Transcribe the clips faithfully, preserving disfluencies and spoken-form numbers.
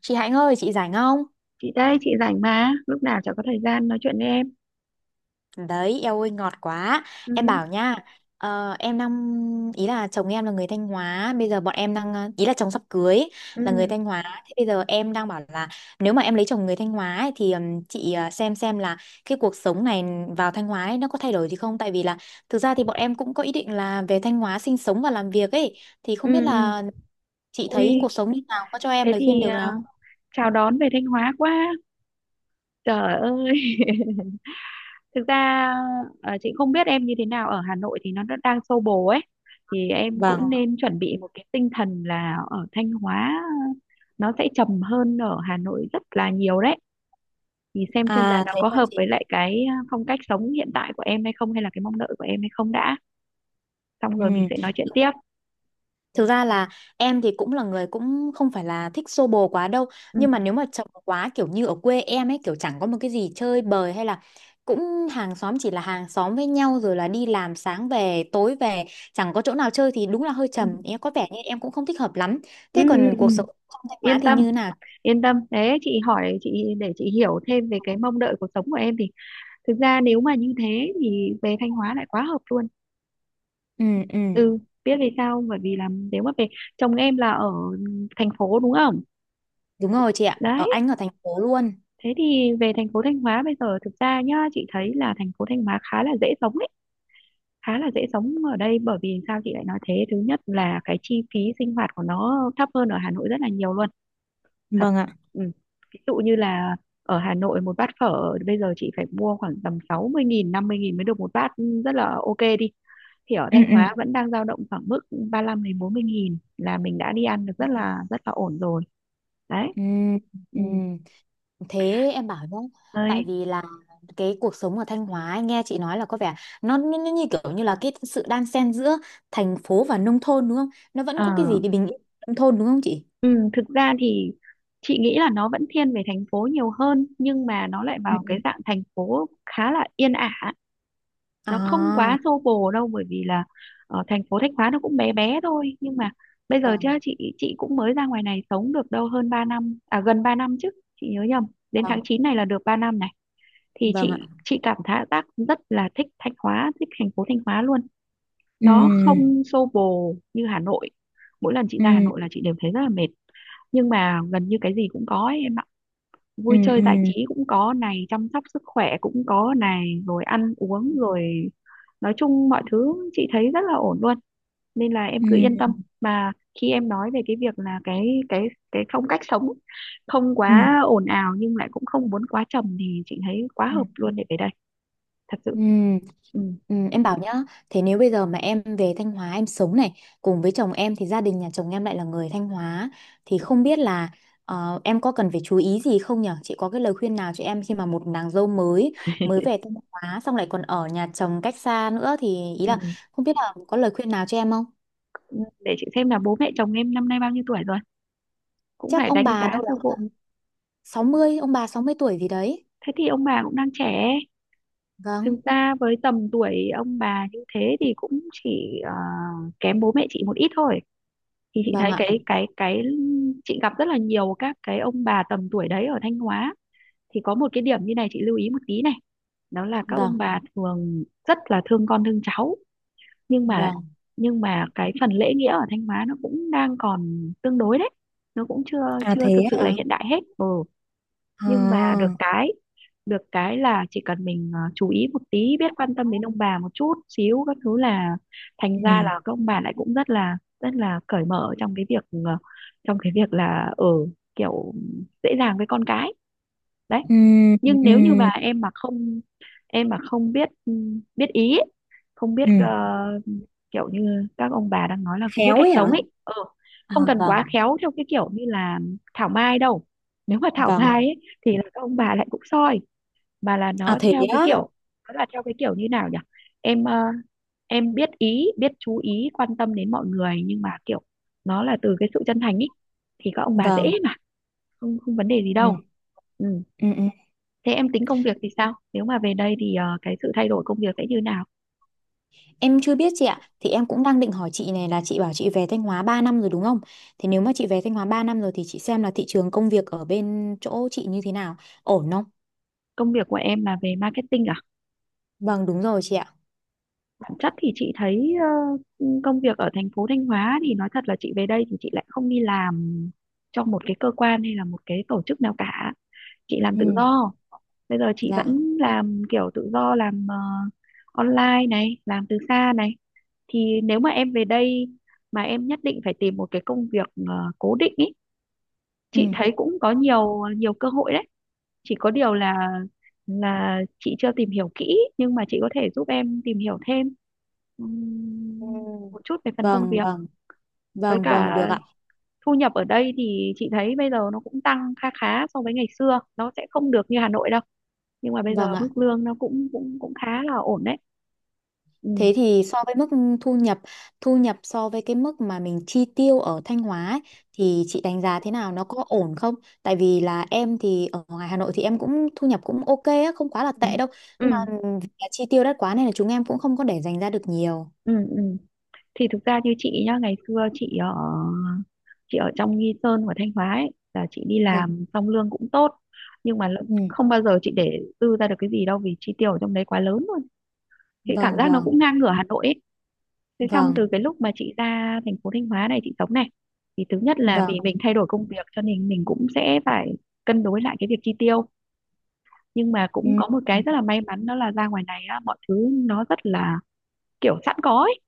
Chị Hạnh ơi, chị rảnh không? Chị đây, chị rảnh mà, lúc nào chả có thời gian nói chuyện với em. Đấy, eo ơi ngọt quá. Em Ừ, bảo nha, ờ, em đang ý là chồng em là người Thanh Hóa, bây giờ bọn em đang ờ, ý là chồng sắp cưới ừ, là người Thanh Hóa. Thế bây giờ em đang bảo là nếu mà em lấy chồng người Thanh Hóa ấy, thì ừm, chị ờ, xem xem là cái cuộc sống này vào Thanh Hóa ấy, nó có thay đổi gì không? Tại vì là thực ra thì bọn em cũng có ý định là về Thanh Hóa sinh sống và làm việc ấy, thì ừ, không biết ừ. là chị thấy Ui, cuộc sống như nào, có cho em thế lời khuyên thì được à, nào? chào đón về Thanh Hóa quá. Trời ơi. Thực ra à, chị không biết em như thế nào, ở Hà Nội thì nó đã đang xô bồ ấy, thì em Vâng. cũng nên chuẩn bị một cái tinh thần là ở Thanh Hóa nó sẽ trầm hơn ở Hà Nội rất là nhiều đấy. Thì xem xem là À nó thế có là hợp chị. với lại cái à, phong cách sống hiện tại của em hay không, hay là cái mong đợi của em hay không đã. Xong rồi mình Ừ. sẽ nói chuyện tiếp. Thực ra là em thì cũng là người cũng không phải là thích xô bồ quá đâu. Ừ, Nhưng mà nếu mà chồng quá kiểu như ở quê em ấy, kiểu chẳng có một cái gì chơi bời hay là cũng hàng xóm chỉ là hàng xóm với nhau, rồi là đi làm sáng về tối về, chẳng có chỗ nào chơi thì đúng là hơi ừ. trầm. Em có vẻ như em cũng không thích hợp lắm. Ừ, Thế ừ, còn ừ. cuộc sống không Thanh Hóa Yên thì tâm, như thế nào? yên tâm, thế chị hỏi, chị để chị hiểu thêm về cái mong đợi cuộc sống của em thì, thực ra nếu mà như thế thì về Thanh Hóa lại quá hợp luôn. Ừ, ừ, Ừ, biết vì sao không? Bởi vì là nếu mà về, chồng em là ở thành phố đúng không? đúng rồi chị ạ. Đấy, Ở anh ở thành phố luôn. thế thì về thành phố Thanh Hóa bây giờ, thực ra nhá, chị thấy là thành phố Thanh Hóa khá là dễ sống ấy, khá là dễ sống ở đây. Bởi vì sao chị lại nói thế? Thứ nhất là cái chi phí sinh hoạt của nó thấp hơn ở Hà Nội rất là nhiều luôn. Thật. Vâng ạ. Ừ. Ví dụ như là ở Hà Nội, một bát phở bây giờ chị phải mua khoảng tầm sáu mươi nghìn, năm mươi nghìn mới được một bát, ừ, rất là ok đi. Thì ở Ừ, Thanh ừ. Hóa vẫn đang dao động khoảng mức ba lăm đến bốn mươi nghìn là mình đã đi ăn được rất là rất là ổn rồi. Đấy. Ừ, Ừ. ừ. Thế em bảo nhá, tại Đấy. vì là cái cuộc sống ở Thanh Hóa anh nghe chị nói là có vẻ nó, nó, nó như kiểu như là cái sự đan xen giữa thành phố và nông thôn đúng không? Nó vẫn Ờ. có cái gì để bình yên nông thôn đúng không chị? Ừ. Thực ra thì chị nghĩ là nó vẫn thiên về thành phố nhiều hơn, nhưng mà nó lại Ừ, vào cái ừ. dạng thành phố khá là yên ả. Nó không À, quá xô bồ đâu, bởi vì là ở thành phố Thanh Hóa nó cũng bé bé thôi, nhưng mà bây giờ chứ, vâng, chị chị cũng mới ra ngoài này sống được đâu hơn ba năm, à, gần ba năm chứ, chị nhớ nhầm, đến tháng vâng, chín này là được ba năm này. Thì vâng ạ. chị chị cảm thấy tác rất là thích Thanh Hóa, thích thành phố Thanh Hóa luôn. Ừ, Nó không xô bồ như Hà Nội. Mỗi lần chị ra Hà ừ, Nội là chị đều thấy rất là mệt, nhưng mà gần như cái gì cũng có ấy, em ạ. ừ, Vui chơi ừ, giải trí cũng có này, chăm sóc sức khỏe cũng có này, rồi ăn uống rồi, nói chung mọi thứ chị thấy rất là ổn luôn, nên là em cứ yên ừ, tâm. Mà khi em nói về cái việc là cái cái cái phong cách sống không ừ, quá ồn ào nhưng lại cũng không muốn quá trầm thì chị thấy quá ừ. hợp luôn để về đây. Thật sự. Ừ. Ừ. Ừ, em bảo nhá, thế nếu bây giờ mà em về Thanh Hóa em sống này cùng với chồng em thì gia đình nhà chồng em lại là người Thanh Hóa thì không biết là ờ, em có cần phải chú ý gì không nhở? Chị có cái lời khuyên nào cho em khi mà một nàng dâu mới mới về Thanh Hóa xong lại còn ở nhà chồng cách xa nữa thì ý là Ừ. không biết là có lời khuyên nào cho em không? Để chị xem là bố mẹ chồng em năm nay bao nhiêu tuổi rồi, cũng Chắc phải ông đánh bà giá đâu đó sơ bộ. tầm sáu mươi, ông bà sáu mươi tuổi gì đấy. Thế thì ông bà cũng đang trẻ. Thực Vâng, ra với tầm tuổi ông bà như thế thì cũng chỉ ờ, kém bố mẹ chị một ít thôi. Thì chị vâng thấy ạ. cái cái cái chị gặp rất là nhiều các cái ông bà tầm tuổi đấy ở Thanh Hóa, thì có một cái điểm như này chị lưu ý một tí này. Đó là các ông Vâng, bà thường rất là thương con thương cháu, nhưng mà vâng. nhưng mà cái phần lễ nghĩa ở Thanh Hóa nó cũng đang còn tương đối đấy. Nó cũng chưa À chưa thế thực sự là ạ. hiện đại hết. Ừ. Nhưng mà được À. cái được cái là chỉ cần mình ờ, chú ý một tí, biết quan tâm đến ông bà một chút xíu các thứ là thành ra Ừ. là các ông bà lại cũng rất là rất là cởi mở trong cái việc, ờ, trong cái việc là ở kiểu dễ dàng với con cái, đấy. Ừ, Nhưng ừ, nếu như mà em mà không em mà không biết, biết ý ấy, không biết ừ. ờ, kiểu như các ông bà đang nói là không biết Khéo cách ấy sống hả? ấy, ừ, À không cần quá vâng, khéo theo cái kiểu như là thảo mai đâu. Nếu mà thảo vâng. mai ấy, thì là các ông bà lại cũng soi. Mà là À nó thế theo cái á, kiểu, nó là theo cái kiểu như nào nhỉ, em ờ, em biết ý, biết chú ý quan tâm đến mọi người, nhưng mà kiểu nó là từ cái sự chân thành ý, thì các ông bà vâng. dễ mà, không không vấn đề gì Ừ, đâu. Ừ. ừ, ừ. Thế em tính công việc thì sao? Nếu mà về đây thì ờ, cái sự thay đổi công việc sẽ như nào? Em chưa biết chị ạ. Thì em cũng đang định hỏi chị này là chị bảo chị về Thanh Hóa ba năm rồi đúng không? Thì nếu mà chị về Thanh Hóa ba năm rồi thì chị xem là thị trường công việc ở bên chỗ chị như thế nào, ổn không? Công việc của em là về marketing à? Vâng, đúng rồi chị ạ. Bản chất thì chị thấy, ờ, công việc ở thành phố Thanh Hóa thì nói thật là chị về đây thì chị lại không đi làm cho một cái cơ quan hay là một cái tổ chức nào cả. Chị làm Ừ, tự do. Bây giờ chị dạ. vẫn làm kiểu tự do, làm ờ, online này, làm từ xa này. Thì nếu mà em về đây mà em nhất định phải tìm một cái công việc ờ, cố định ý, Ừ. chị thấy cũng có nhiều nhiều cơ hội đấy, chỉ có điều là là chị chưa tìm hiểu kỹ, nhưng mà chị có thể giúp em tìm hiểu thêm Ừ. ừm, một chút về phần công Vâng, việc, vâng, với vâng, vâng cả được ạ. thu nhập ở đây thì chị thấy bây giờ nó cũng tăng kha khá so với ngày xưa, nó sẽ không được như Hà Nội đâu, nhưng mà bây giờ Vâng ạ. mức lương nó cũng cũng cũng khá là ổn đấy. Ừ, Thế thì so với mức thu nhập, thu nhập so với cái mức mà mình chi tiêu ở Thanh Hóa ấy, thì chị đánh giá thế nào, nó có ổn không? Tại vì là em thì ở ngoài Hà Nội thì em cũng thu nhập cũng ok á, không quá là ừ, tệ đâu. ừ, Nhưng mà vì là chi tiêu đắt quá nên là chúng em cũng không có để dành ra được nhiều. ừ, ừ. Thì thực ra như chị nhá, ngày xưa chị ở chị ở trong Nghi Sơn và Thanh Hóa ấy, là chị đi Vâng. làm xong lương cũng tốt, nhưng mà, lợ- Ừ. không bao giờ chị để dư ra được cái gì đâu, vì chi tiêu ở trong đấy quá lớn luôn. Chị cảm Vâng, giác nó vâng, cũng ngang ngửa Hà Nội ấy, thế xong vâng, từ cái lúc mà chị ra thành phố Thanh Hóa này, chị sống này, thì thứ nhất là vâng, vì mình thay đổi công việc, cho nên mình cũng sẽ phải cân đối lại cái việc chi tiêu. Nhưng mà ừ. cũng có một cái rất là may mắn, đó là ra ngoài này á, mọi thứ nó rất là kiểu sẵn có ấy,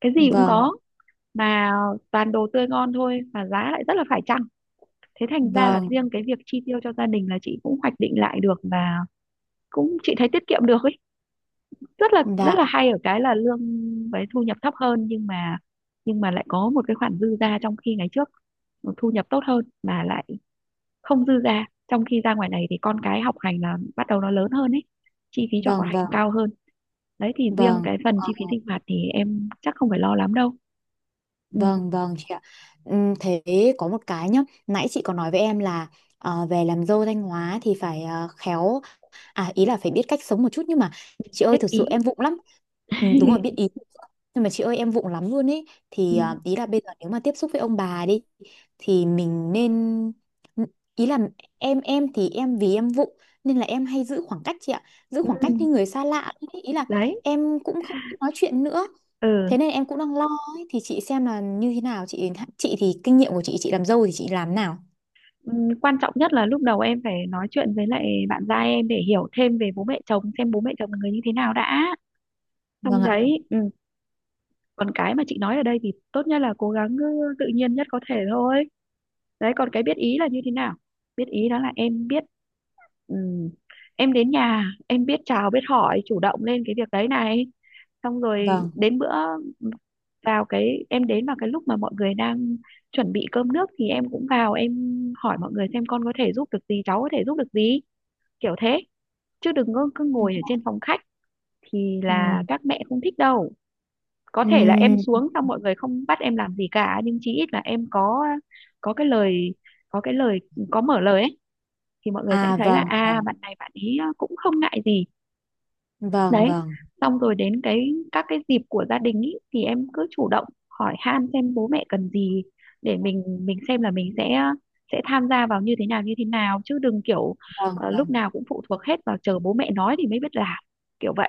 cái gì cũng Vâng, có, mà toàn đồ tươi ngon thôi, mà giá lại rất là phải chăng. Thế thành ra là vâng, riêng cái việc chi tiêu cho gia đình là chị cũng hoạch định lại được, và cũng chị thấy tiết kiệm được ấy. Rất là vâng, rất dạ, là hay ở cái là lương với thu nhập thấp hơn, nhưng mà nhưng mà lại có một cái khoản dư ra, trong khi ngày trước thu nhập tốt hơn mà lại không dư ra, trong khi ra ngoài này thì con cái học hành là bắt đầu nó lớn hơn ấy, chi phí cho học vâng, hành vâng, cao hơn. Đấy thì riêng vâng. cái phần chi phí sinh hoạt thì em chắc không phải lo lắm đâu. Ừ, Vâng, vâng chị ạ. Ừm, thế có một cái nhá, nãy chị có nói với em là ờ, về làm dâu Thanh Hóa thì phải ờ, khéo. À ý là phải biết cách sống một chút nhưng mà chị ơi biết thực sự ý. em vụng lắm. Ừ, đúng rồi biết ý. Nhưng mà chị ơi em vụng lắm luôn ấy, thì à, ý là bây giờ nếu mà tiếp xúc với ông bà đi thì mình nên ừ, ý là em em thì em vì em vụng nên là em hay giữ khoảng cách chị ạ. Giữ Ừ, khoảng cách với người xa lạ ý, ý là đấy. em cũng không nói chuyện nữa. Ừ. Thế nên em cũng đang lo ấy. Thì chị xem là như thế nào chị chị thì kinh nghiệm của chị chị làm dâu thì chị làm nào? Ừ, quan trọng nhất là lúc đầu em phải nói chuyện với lại bạn gia em để hiểu thêm về bố mẹ chồng, xem bố mẹ chồng là người như thế nào đã. Xong Vâng ạ. đấy. Ừ. Còn cái mà chị nói ở đây thì tốt nhất là cố gắng ừ, tự nhiên nhất có thể thôi. Đấy, còn cái biết ý là như thế nào? Biết ý đó là em biết. Ừ. Em đến nhà em biết chào biết hỏi, chủ động lên cái việc đấy này, xong rồi Vâng. đến bữa, vào cái em đến vào cái lúc mà mọi người đang chuẩn bị cơm nước thì em cũng vào, em hỏi mọi người xem con có thể giúp được gì, cháu có thể giúp được gì, kiểu thế. Chứ đừng có cứ Ừ. ngồi ở trên phòng khách thì là Ừ. các mẹ không thích đâu. Có Ừ. thể là em xuống xong mọi người không bắt em làm gì cả, nhưng chí ít là em có có cái lời có cái lời có mở lời ấy, thì mọi người sẽ À thấy là, vâng. à, Vâng. bạn này, bạn ấy cũng không ngại gì. Vâng, Đấy. vâng, Xong rồi đến cái các cái dịp của gia đình ý, thì em cứ chủ động hỏi han xem bố mẹ cần gì, để mình mình xem là mình sẽ sẽ tham gia vào như thế nào, như thế nào, chứ đừng kiểu vâng, ờ, lúc vâng. nào cũng phụ thuộc hết vào chờ bố mẹ nói thì mới biết làm kiểu vậy.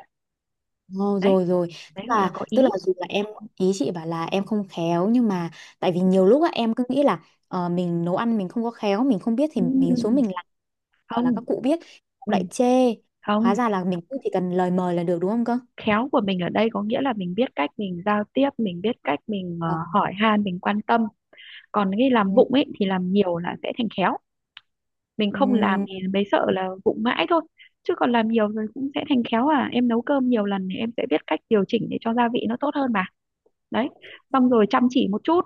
Ngô Đấy. rồi rồi. Đấy Tức gọi là là có tức ý. là dù là em, ý chị bảo là em không khéo nhưng mà tại vì nhiều lúc á em cứ nghĩ là ờ, mình nấu ăn mình không có khéo, mình không biết thì Ừ, ừ, mình xuống ừ. mình làm, gọi là các Không, cụ biết cũng ừ, lại chê. Hóa không ra là mình cứ chỉ cần lời mời là được đúng không cơ? khéo của mình ở đây có nghĩa là mình biết cách mình giao tiếp, mình biết cách mình ờ, Vâng. hỏi han, mình quan tâm. Còn cái làm vụng ấy thì làm nhiều là sẽ thành khéo. Mình Ừ. không làm thì mới sợ là vụng mãi thôi, chứ còn làm nhiều rồi cũng sẽ thành khéo. À em nấu cơm nhiều lần thì em sẽ biết cách điều chỉnh để cho gia vị nó tốt hơn mà. Đấy, xong rồi chăm chỉ một chút,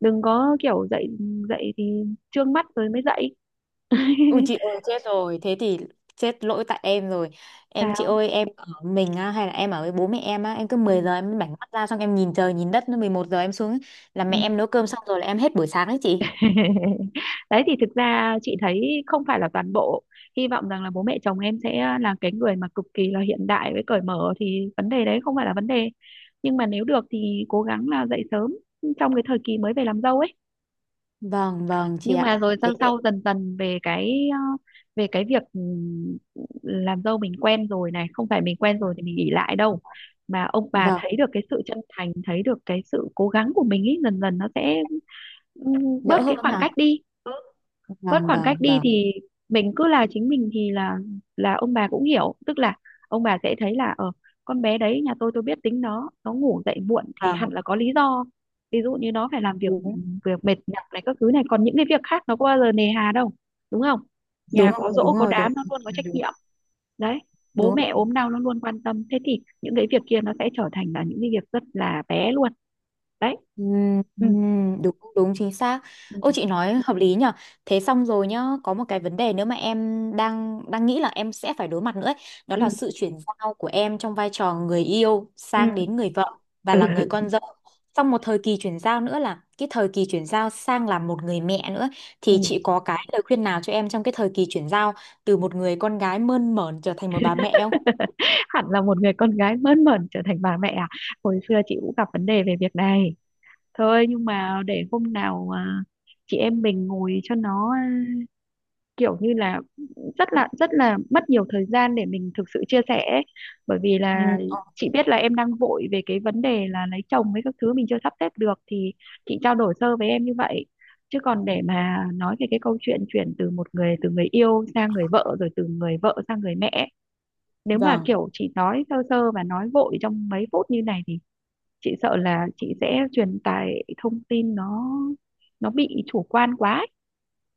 đừng có kiểu dậy dậy thì trương mắt rồi mới dậy. Ui chị ơi chết rồi, thế thì chết lỗi tại em rồi. Em chị Sao? ơi em ở mình á, hay là em ở với bố mẹ em á, em cứ Ừ. mười giờ em bảnh mắt ra xong em nhìn trời nhìn đất nó mười một giờ em xuống ấy, là Ừ. mẹ em nấu cơm xong rồi là em hết buổi sáng đấy chị. Đấy thì thực ra chị thấy không phải là toàn bộ. Hy vọng rằng là bố mẹ chồng em sẽ là cái người mà cực kỳ là hiện đại với cởi mở thì vấn đề đấy không phải là vấn đề, nhưng mà nếu được thì cố gắng là dậy sớm trong cái thời kỳ mới về làm dâu ấy. Vâng, vâng chị Nhưng ạ. mà rồi Thế sau thì sau dần dần về cái ờ, về cái việc ừm, làm dâu mình quen rồi này, không phải mình quen rồi thì mình nghỉ lại đâu, mà ông bà vâng, thấy được cái sự chân thành, thấy được cái sự cố gắng của mình ấy, dần dần nó sẽ ừm, đỡ bớt cái hơn khoảng cách à? đi. Ừ, bớt Vâng, khoảng vâng, cách đi vâng. thì mình cứ là chính mình thì là là ông bà cũng hiểu, tức là ông bà sẽ thấy là ở con bé đấy nhà tôi tôi biết tính nó nó ngủ dậy muộn thì Vâng hẳn là có lý do. Ví dụ như nó phải làm việc, đúng, việc mệt nhọc này các thứ, này còn những cái việc khác nó có bao giờ nề hà đâu, đúng không? Nhà đúng không có giỗ đúng có rồi đúng, đám nó luôn có trách đúng, nhiệm. Đấy, bố đúng. mẹ ốm đau nó luôn quan tâm, thế thì những cái việc kia nó sẽ trở thành là những cái việc rất là bé luôn. Đấy. Ừm, ừ. ừm, đúng đúng chính xác. Ừ. Ô chị nói hợp lý nhở. Thế xong rồi nhá, có một cái vấn đề nữa mà em đang đang nghĩ là em sẽ phải đối mặt nữa ấy. Đó Ừ. là sự chuyển giao của em trong vai trò người yêu sang đến người vợ và Ừ. là người con Ừ. dâu. Xong một thời kỳ chuyển giao nữa là cái thời kỳ chuyển giao sang làm một người mẹ nữa Ừ. thì chị có cái lời khuyên nào cho em trong cái thời kỳ chuyển giao từ một người con gái mơn mởn trở thành một bà mẹ không? Hẳn là một người con gái mơn mởn trở thành bà mẹ à? Hồi xưa chị cũng gặp vấn đề về việc này. Thôi nhưng mà để hôm nào à, chị em mình ngồi cho nó à, kiểu như là cũng rất là rất là mất nhiều thời gian để mình thực sự chia sẻ ấy. Bởi vì Ừ. là chị Ok. biết là em đang vội về cái vấn đề là lấy chồng với các thứ, mình chưa sắp xếp được thì chị trao đổi sơ với em như vậy, chứ còn để mà nói về cái câu chuyện chuyển từ một người, từ người yêu sang người vợ, rồi từ người vợ sang người mẹ, nếu mà Vâng. kiểu chỉ nói sơ sơ và nói vội trong mấy phút như này thì chị sợ là chị sẽ truyền tải thông tin nó nó bị chủ quan quá ấy.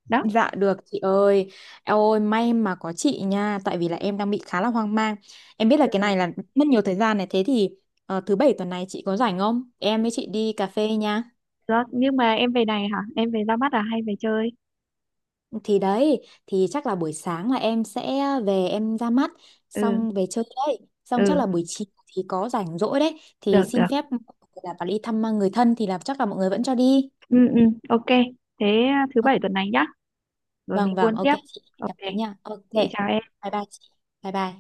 Đó. Dạ được chị ơi. Eo ơi may mà có chị nha, tại vì là em đang bị khá là hoang mang. Em biết là cái Ừ. này là mất nhiều thời gian này, thế thì ờ, thứ bảy tuần này chị có rảnh không? Em với chị đi cà phê nha. Đó nhưng mà em về này hả, em về ra mắt à hay về chơi? Thì đấy, thì chắc là buổi sáng là em sẽ về em ra mắt, Ừ. xong về chơi đấy. Xong chắc là Ừ. buổi chiều thì có rảnh rỗi đấy, thì Được xin được. phép là vào đi thăm người thân thì là chắc là mọi người vẫn cho đi. Ừ. Ừ. Ok. Thế à, thứ Ờ, bảy tuần này nhá, rồi mình vâng vâng, buôn ok tiếp. chị, hẹn gặp Ok, chị nha. Ok. chị chào em. Bye bye chị. Bye bye.